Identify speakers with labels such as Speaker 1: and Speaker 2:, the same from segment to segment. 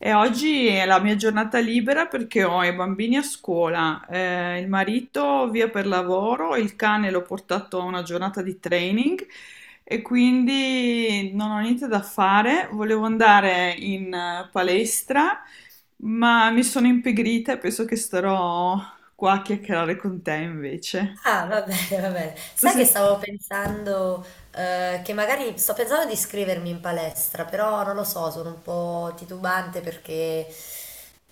Speaker 1: E oggi è la mia giornata libera perché ho i bambini a scuola, il marito via per lavoro, il cane l'ho portato a una giornata di training e quindi non ho niente da fare. Volevo andare in palestra, ma mi sono impigrita e penso che starò qua a chiacchierare con te invece.
Speaker 2: Ah, va bene, va bene. Sai che stavo pensando, che magari sto pensando di iscrivermi in palestra, però non lo so, sono un po' titubante perché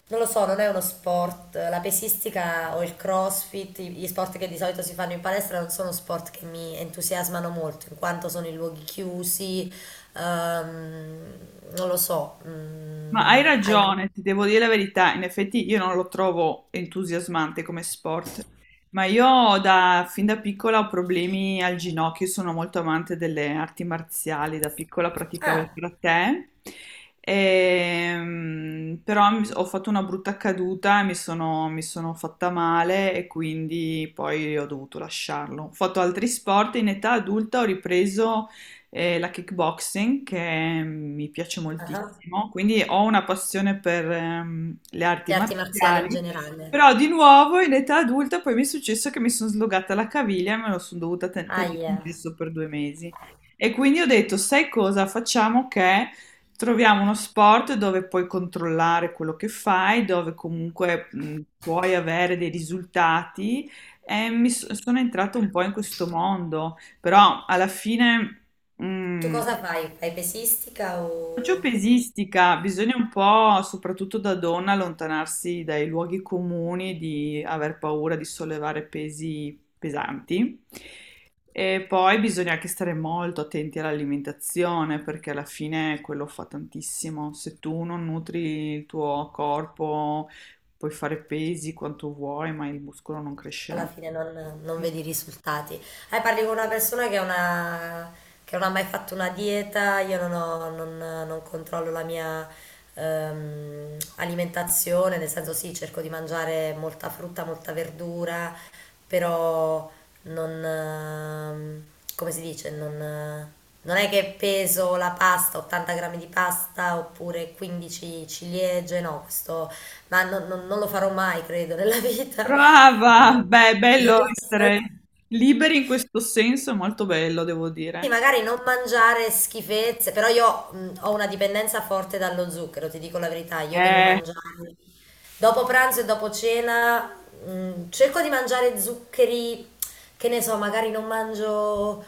Speaker 2: non lo so, non è uno sport. La pesistica o il CrossFit, gli sport che di solito si fanno in palestra non sono sport che mi entusiasmano molto, in quanto sono in luoghi chiusi, ehm, non lo so.
Speaker 1: Ma hai
Speaker 2: Hai-
Speaker 1: ragione, ti devo dire la verità, in effetti io non lo trovo entusiasmante come sport, ma fin da piccola ho problemi al ginocchio, sono molto amante delle arti marziali, da piccola praticavo il
Speaker 2: Ah,
Speaker 1: karate, però ho fatto una brutta caduta e mi sono fatta male e quindi poi ho dovuto lasciarlo. Ho fatto altri sport, in età adulta ho ripreso la kickboxing che mi piace
Speaker 2: ah,
Speaker 1: moltissimo, quindi ho una passione per le arti
Speaker 2: le arti marziali in
Speaker 1: marziali,
Speaker 2: generale.
Speaker 1: però di nuovo in età adulta poi mi è successo che mi sono slogata la caviglia e me lo sono dovuta tenere in
Speaker 2: Ahia.
Speaker 1: gesso per due mesi. E quindi ho detto, sai cosa, facciamo che troviamo uno sport dove puoi controllare quello che fai, dove comunque puoi avere dei risultati e sono entrata un po' in questo mondo, però alla fine.
Speaker 2: Tu
Speaker 1: Mm.
Speaker 2: cosa fai? Fai pesistica o
Speaker 1: Faccio pesistica, bisogna un po', soprattutto da donna, allontanarsi dai luoghi comuni di aver paura di sollevare pesi pesanti. E poi bisogna anche stare molto attenti all'alimentazione perché alla fine quello fa tantissimo. Se tu non nutri il tuo corpo, puoi fare pesi quanto vuoi, ma il muscolo non crescerà.
Speaker 2: alla fine non vedi risultati? Parli con una persona che, che non ha mai fatto una dieta, io non, ho- non- non controllo la mia alimentazione, nel senso sì, cerco di mangiare molta frutta, molta verdura, però non, come si dice, non è che peso la pasta, 80 grammi di pasta oppure 15 ciliegie, no, questo... Ma non lo farò mai, credo, nella vita.
Speaker 1: Brava! Beh, è bello essere liberi in questo senso, è molto bello, devo
Speaker 2: Sì,
Speaker 1: dire.
Speaker 2: magari non mangiare schifezze, però io ho una dipendenza forte dallo zucchero, ti dico la verità, io devo
Speaker 1: Eh,
Speaker 2: mangiare. Dopo pranzo e dopo cena cerco di mangiare zuccheri, che ne so, magari non mangio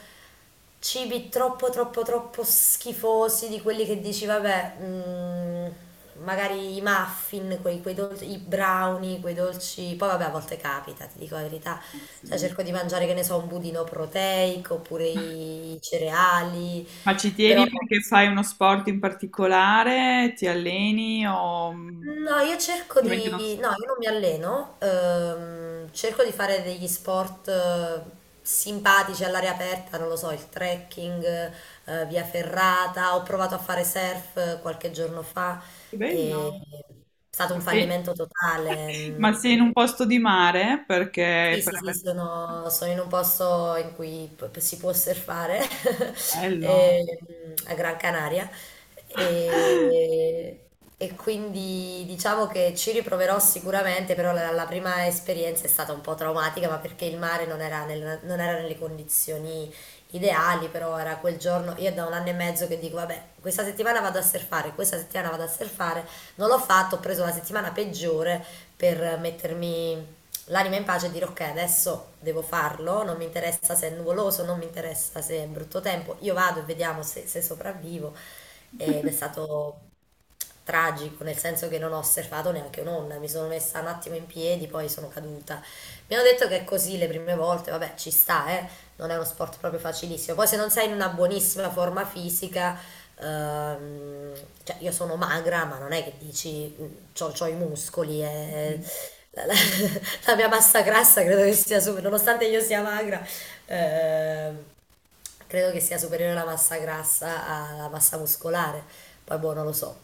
Speaker 2: cibi troppo troppo troppo schifosi di quelli che dici, vabbè, magari i muffin, quei dolci, i brownie, quei dolci, poi vabbè a volte capita, ti dico la verità, cioè
Speaker 1: sì.
Speaker 2: cerco di mangiare, che ne so, un budino proteico oppure i cereali,
Speaker 1: Ma ci tieni
Speaker 2: però.
Speaker 1: perché fai uno sport in particolare? Ti alleni o...
Speaker 2: No, io cerco
Speaker 1: Ovviamente non so.
Speaker 2: di... No, io non mi alleno, cerco di fare degli sport simpatici all'aria aperta, non lo so, il trekking, via ferrata, ho provato a fare surf qualche giorno fa,
Speaker 1: Che
Speaker 2: e
Speaker 1: bello.
Speaker 2: è stato un
Speaker 1: Ma sei...
Speaker 2: fallimento totale, no?
Speaker 1: Ma sei in un posto di mare? Perché...
Speaker 2: Sì, sì, sì, sono, sono in un posto in cui p- si può surfare
Speaker 1: Bello.
Speaker 2: ehm, a Gran Canaria e, e quindi diciamo che ci riproverò sicuramente, però la, la prima esperienza è stata un po' traumatica, ma perché il mare non era, nel- non era nelle condizioni ideali, però era quel giorno, io da un anno e mezzo che dico, vabbè, questa settimana vado a surfare, questa settimana vado a surfare, non l'ho fatto, ho preso la settimana peggiore per mettermi l'anima in pace e dire ok, adesso devo farlo, non mi interessa se è nuvoloso, non mi interessa se è brutto tempo, io vado e vediamo se, se sopravvivo. Ed è stato tragico, nel senso che non ho osservato neanche un'onda, mi sono messa un attimo in piedi, poi sono caduta. Mi hanno detto che è così le prime volte, vabbè, ci sta, non è uno sport proprio facilissimo. Poi se non sei in una buonissima forma fisica, ehm, cioè io sono magra, ma non è che dici, mm, c'ho, c'ho i muscoli e...
Speaker 1: Mm.
Speaker 2: La, la- la mia massa grassa credo che sia superiore, nonostante io sia magra, ehm, credo che sia superiore la massa grassa alla massa muscolare. Poi boh, non lo so.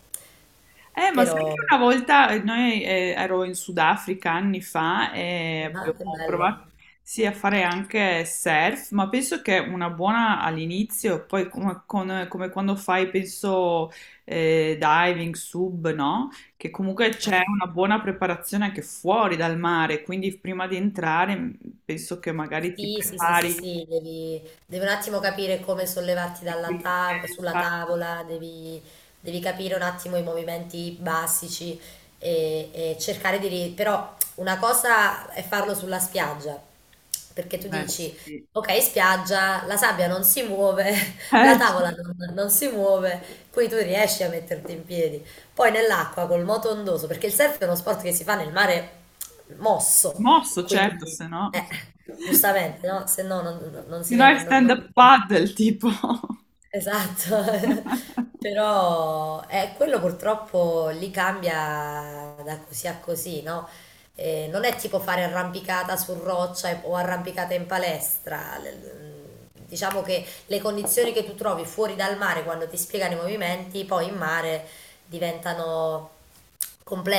Speaker 1: Ma sai che
Speaker 2: Però,
Speaker 1: una volta noi ero in Sudafrica anni fa e
Speaker 2: ah, che
Speaker 1: abbiamo
Speaker 2: bello.
Speaker 1: provato, sì, a fare anche surf, ma penso che una buona all'inizio, poi come, come quando fai, penso, diving, sub, no? Che comunque c'è
Speaker 2: Ah.
Speaker 1: una buona preparazione anche fuori dal mare, quindi prima di entrare penso che magari ti
Speaker 2: Sì, sì, sì, sì,
Speaker 1: prepari
Speaker 2: sì, devi, un attimo capire come sollevarti
Speaker 1: e quindi
Speaker 2: sulla
Speaker 1: infatti,
Speaker 2: tavola, devi, capire un attimo i movimenti basici e, cercare di... Però una cosa è farlo sulla spiaggia, perché tu dici,
Speaker 1: sì.
Speaker 2: ok, spiaggia, la sabbia non si muove, la tavola
Speaker 1: Sì.
Speaker 2: non si muove, qui tu riesci a metterti in piedi. Poi nell'acqua col moto ondoso, perché il surf è uno sport che si fa nel mare mosso.
Speaker 1: Mosso, certo,
Speaker 2: Quindi,
Speaker 1: se no...
Speaker 2: eh, giustamente, no? Se no non si
Speaker 1: Se no è
Speaker 2: chiama...
Speaker 1: stand-up paddle, tipo.
Speaker 2: Esatto. Però quello purtroppo lì cambia da così a così, no? Non è tipo fare arrampicata su roccia o arrampicata in palestra. Diciamo che le condizioni che tu trovi fuori dal mare quando ti spiegano i movimenti, poi in mare diventano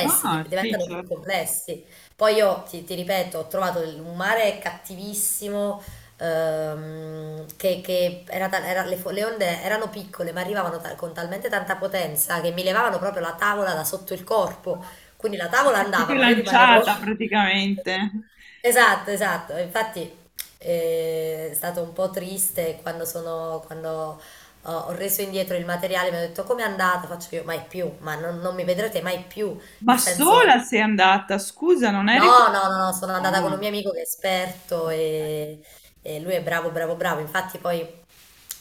Speaker 1: No, sì,
Speaker 2: diventano più
Speaker 1: certo.
Speaker 2: complessi. Poi io ti ripeto, ho trovato un mare cattivissimo, che era le onde erano piccole ma arrivavano con talmente tanta potenza che mi levavano proprio la tavola da sotto il corpo. Quindi la tavola
Speaker 1: Sei
Speaker 2: andava,
Speaker 1: proprio
Speaker 2: ma io rimanevo...
Speaker 1: lanciata praticamente.
Speaker 2: Esatto, esatto. Infatti è stato un po' triste quando sono, quando ho ho reso indietro il materiale, mi hanno detto come è andata? Faccio io, mai più, ma non mi vedrete mai più,
Speaker 1: Ma
Speaker 2: nel senso...
Speaker 1: sola sei andata, scusa, non eri...
Speaker 2: No, no, no, no, sono andata con un
Speaker 1: Ah,
Speaker 2: mio amico che è esperto
Speaker 1: ok.
Speaker 2: e, lui è bravo, bravo, bravo. Infatti poi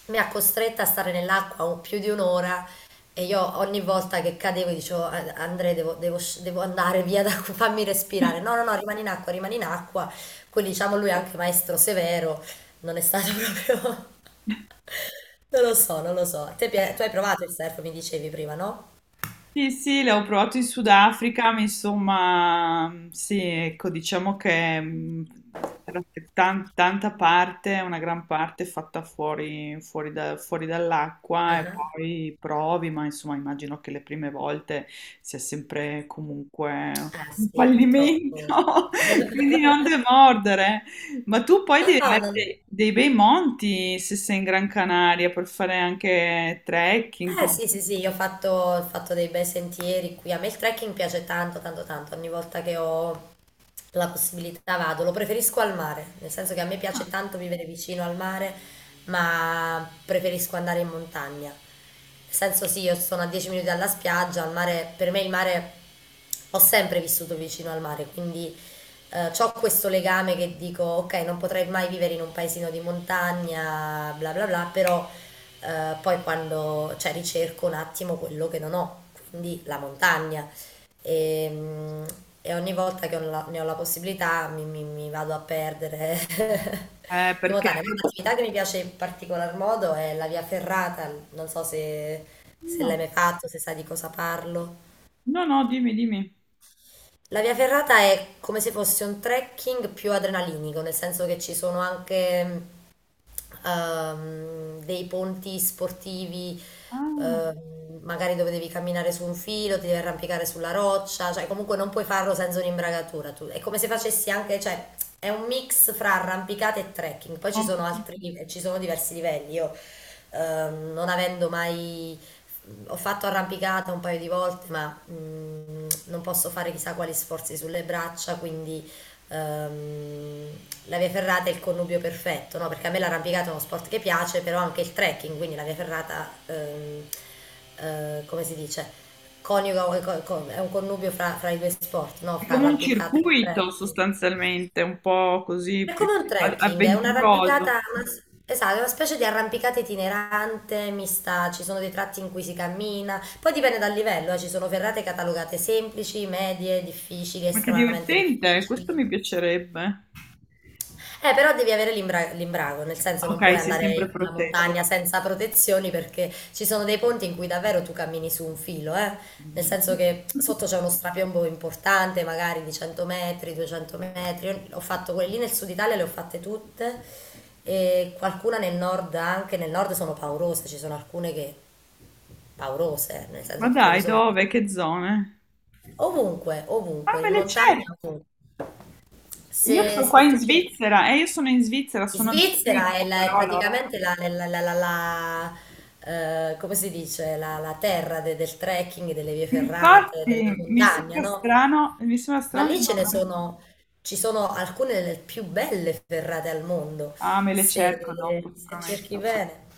Speaker 2: mi ha costretta a stare nell'acqua più di un'ora e io ogni volta che cadevo dicevo "Ah, Andrea devo, andare via, da, qui, fammi respirare. No, no, no, rimani in acqua, rimani in acqua. Quindi diciamo lui è anche maestro severo, non è stato proprio... Non lo so, non lo so. Tu hai provato il surf, mi dicevi prima, no?
Speaker 1: Sì, sì, l'ho provato in Sudafrica, ma insomma, sì, ecco, diciamo che c'era tanta parte, una gran parte fatta fuori, fuori
Speaker 2: Ah,
Speaker 1: dall'acqua e
Speaker 2: ah.
Speaker 1: poi provi, ma insomma immagino che le prime volte sia sempre comunque
Speaker 2: Eh
Speaker 1: un
Speaker 2: sì, purtroppo.
Speaker 1: fallimento, quindi non demordere. Ma tu poi devi
Speaker 2: Ah,
Speaker 1: avere
Speaker 2: non...
Speaker 1: dei bei monti se sei in Gran Canaria per fare anche trekking.
Speaker 2: Eh
Speaker 1: Così.
Speaker 2: sì, sì, sì, io ho fatto dei bei sentieri qui. A me il trekking piace tanto, tanto, tanto. Ogni volta che ho la possibilità vado. Lo preferisco al mare, nel senso che a me
Speaker 1: Ah.
Speaker 2: piace tanto vivere vicino al mare, ma preferisco andare in montagna. Nel senso sì, io sono a 10 minuti dalla spiaggia, al mare, per me il mare, ho sempre vissuto vicino al mare, quindi ho questo legame che dico, ok, non potrei mai vivere in un paesino di montagna, bla bla bla, però... Poi quando, cioè, ricerco un attimo quello che non ho, quindi la montagna. E, mm, e ogni volta che ne ho la possibilità mi vado a perdere in
Speaker 1: Perché...
Speaker 2: montagna. Ma un'attività che mi piace in particolar modo è la via ferrata, non so se, se l'hai
Speaker 1: No,
Speaker 2: mai fatto, se sai di cosa parlo.
Speaker 1: no, no, dimmi, dimmi.
Speaker 2: La via ferrata è come se fosse un trekking più adrenalinico, nel senso che ci sono anche dei ponti sportivi,
Speaker 1: Ah,
Speaker 2: magari dove devi camminare su un filo, ti devi arrampicare sulla roccia, cioè comunque non puoi farlo senza un'imbragatura. È come se facessi anche, cioè è un mix fra arrampicata e trekking. Poi ci
Speaker 1: ho
Speaker 2: sono
Speaker 1: capito.
Speaker 2: altri, ci sono diversi livelli. Io, non avendo mai... Ho fatto arrampicata un paio di volte, ma non posso fare chissà quali sforzi sulle braccia, quindi ehm, la via ferrata è il connubio perfetto, no? Perché a me l'arrampicata è uno sport che piace, però anche il trekking, quindi la via ferrata, come si dice, coniuga, è un connubio fra i due sport, no?
Speaker 1: È
Speaker 2: Fra
Speaker 1: come un
Speaker 2: arrampicata e
Speaker 1: circuito
Speaker 2: trekking.
Speaker 1: sostanzialmente, un po' così
Speaker 2: È
Speaker 1: più
Speaker 2: come un trekking, è un'arrampicata,
Speaker 1: avventuroso.
Speaker 2: esatto, è una specie di arrampicata itinerante, mista, ci sono dei tratti in cui si cammina, poi dipende dal livello, ci sono ferrate catalogate semplici, medie, difficili,
Speaker 1: Ma che
Speaker 2: estremamente
Speaker 1: divertente,
Speaker 2: difficili.
Speaker 1: questo mi piacerebbe.
Speaker 2: Però devi avere l'imbrago, nel senso non puoi
Speaker 1: Ok, sei
Speaker 2: andare
Speaker 1: sempre
Speaker 2: sulla
Speaker 1: protetto.
Speaker 2: montagna senza protezioni perché ci sono dei ponti in cui davvero tu cammini su un filo, eh? Nel
Speaker 1: Mm.
Speaker 2: senso che sotto c'è uno strapiombo importante, magari di 100 metri, 200 metri. Io ho fatto quelle lì nel sud Italia, le ho fatte tutte e qualcuna nel nord anche, nel nord sono paurose, ci sono alcune che paurose, nel
Speaker 1: Ma
Speaker 2: senso ti trovi
Speaker 1: dai,
Speaker 2: sopra
Speaker 1: dove? Che zone?
Speaker 2: ovunque,
Speaker 1: Ah,
Speaker 2: ovunque,
Speaker 1: me
Speaker 2: in
Speaker 1: le
Speaker 2: montagna,
Speaker 1: cerco.
Speaker 2: ovunque.
Speaker 1: Io sto qua
Speaker 2: Se tu
Speaker 1: in
Speaker 2: cerchi...
Speaker 1: Svizzera,
Speaker 2: In
Speaker 1: sono a
Speaker 2: Svizzera è,
Speaker 1: Zurigo,
Speaker 2: è
Speaker 1: però loro...
Speaker 2: praticamente come si dice, la terra del trekking, delle vie ferrate, della
Speaker 1: Infatti,
Speaker 2: montagna, no?
Speaker 1: mi sembra
Speaker 2: Ma
Speaker 1: strano di
Speaker 2: lì ce ne
Speaker 1: non...
Speaker 2: sono, ci sono alcune delle più belle ferrate al mondo,
Speaker 1: Ah, me le
Speaker 2: se,
Speaker 1: cerco dopo, ti
Speaker 2: se cerchi
Speaker 1: prometto.
Speaker 2: bene.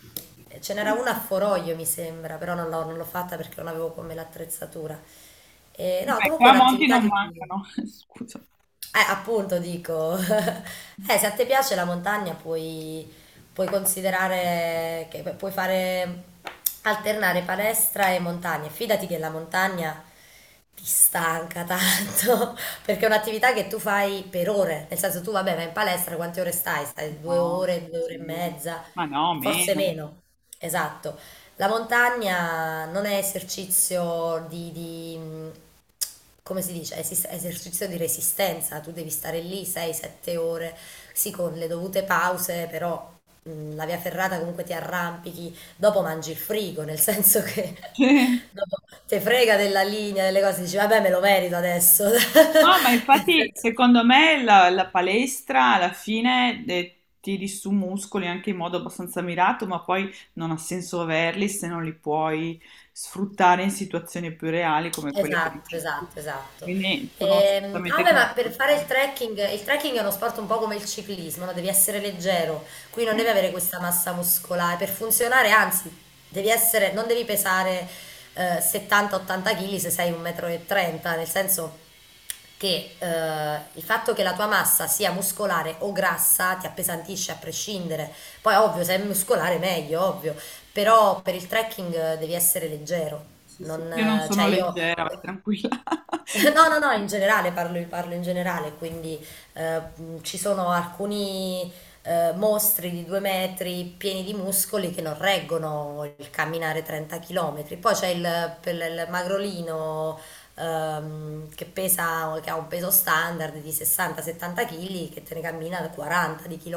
Speaker 2: Ce
Speaker 1: Sì,
Speaker 2: n'era una a
Speaker 1: sì.
Speaker 2: Foroglio, mi sembra, però non l'ho fatta perché non avevo come l'attrezzatura.
Speaker 1: I
Speaker 2: No, comunque è
Speaker 1: tramonti
Speaker 2: un'attività
Speaker 1: non
Speaker 2: che...
Speaker 1: mancano. Scusa.
Speaker 2: Appunto dico, se a te piace la montagna puoi, considerare che puoi fare alternare palestra e montagna. Fidati che la montagna ti stanca tanto, perché è un'attività che tu fai per ore, nel senso tu vabbè vai in palestra, quante ore stai? Stai
Speaker 1: No,
Speaker 2: due ore e
Speaker 1: sì.
Speaker 2: mezza,
Speaker 1: Ma no,
Speaker 2: forse
Speaker 1: meno.
Speaker 2: meno, esatto. La montagna non è esercizio di, come si dice, esercizio di resistenza, tu devi stare lì 6-7 ore, sì, con le dovute pause, però la via ferrata comunque ti arrampichi, dopo mangi il frigo, nel senso che
Speaker 1: Sì.
Speaker 2: dopo te frega della linea, delle cose, dici vabbè me lo merito adesso.
Speaker 1: No, ma infatti secondo me la palestra alla fine tiri su muscoli anche in modo abbastanza mirato, ma poi non ha senso averli se non li puoi sfruttare in situazioni più reali come quelle che
Speaker 2: Esatto,
Speaker 1: dici tu.
Speaker 2: esatto, esatto.
Speaker 1: Quindi sono
Speaker 2: Ah,
Speaker 1: assolutamente
Speaker 2: beh, ma
Speaker 1: complicate.
Speaker 2: per fare il trekking è uno sport un po' come il ciclismo, no? Devi essere leggero, qui non devi avere questa massa muscolare per funzionare, anzi, non devi pesare 70-80 kg se sei 1,30 m, nel senso che il fatto che la tua massa sia muscolare o grassa ti appesantisce a prescindere. Poi, ovvio, se è muscolare meglio, ovvio, però per il trekking devi essere leggero.
Speaker 1: Sì, sì.
Speaker 2: Non,
Speaker 1: Io non
Speaker 2: cioè
Speaker 1: sono
Speaker 2: io
Speaker 1: leggera, vai tranquilla.
Speaker 2: No, no, no, in generale parlo, parlo in generale, quindi ci sono alcuni mostri di due metri pieni di muscoli che non reggono il camminare 30 km. Poi per il magrolino, che pesa, che ha un peso standard di 60-70 kg che te ne cammina da 40 di km.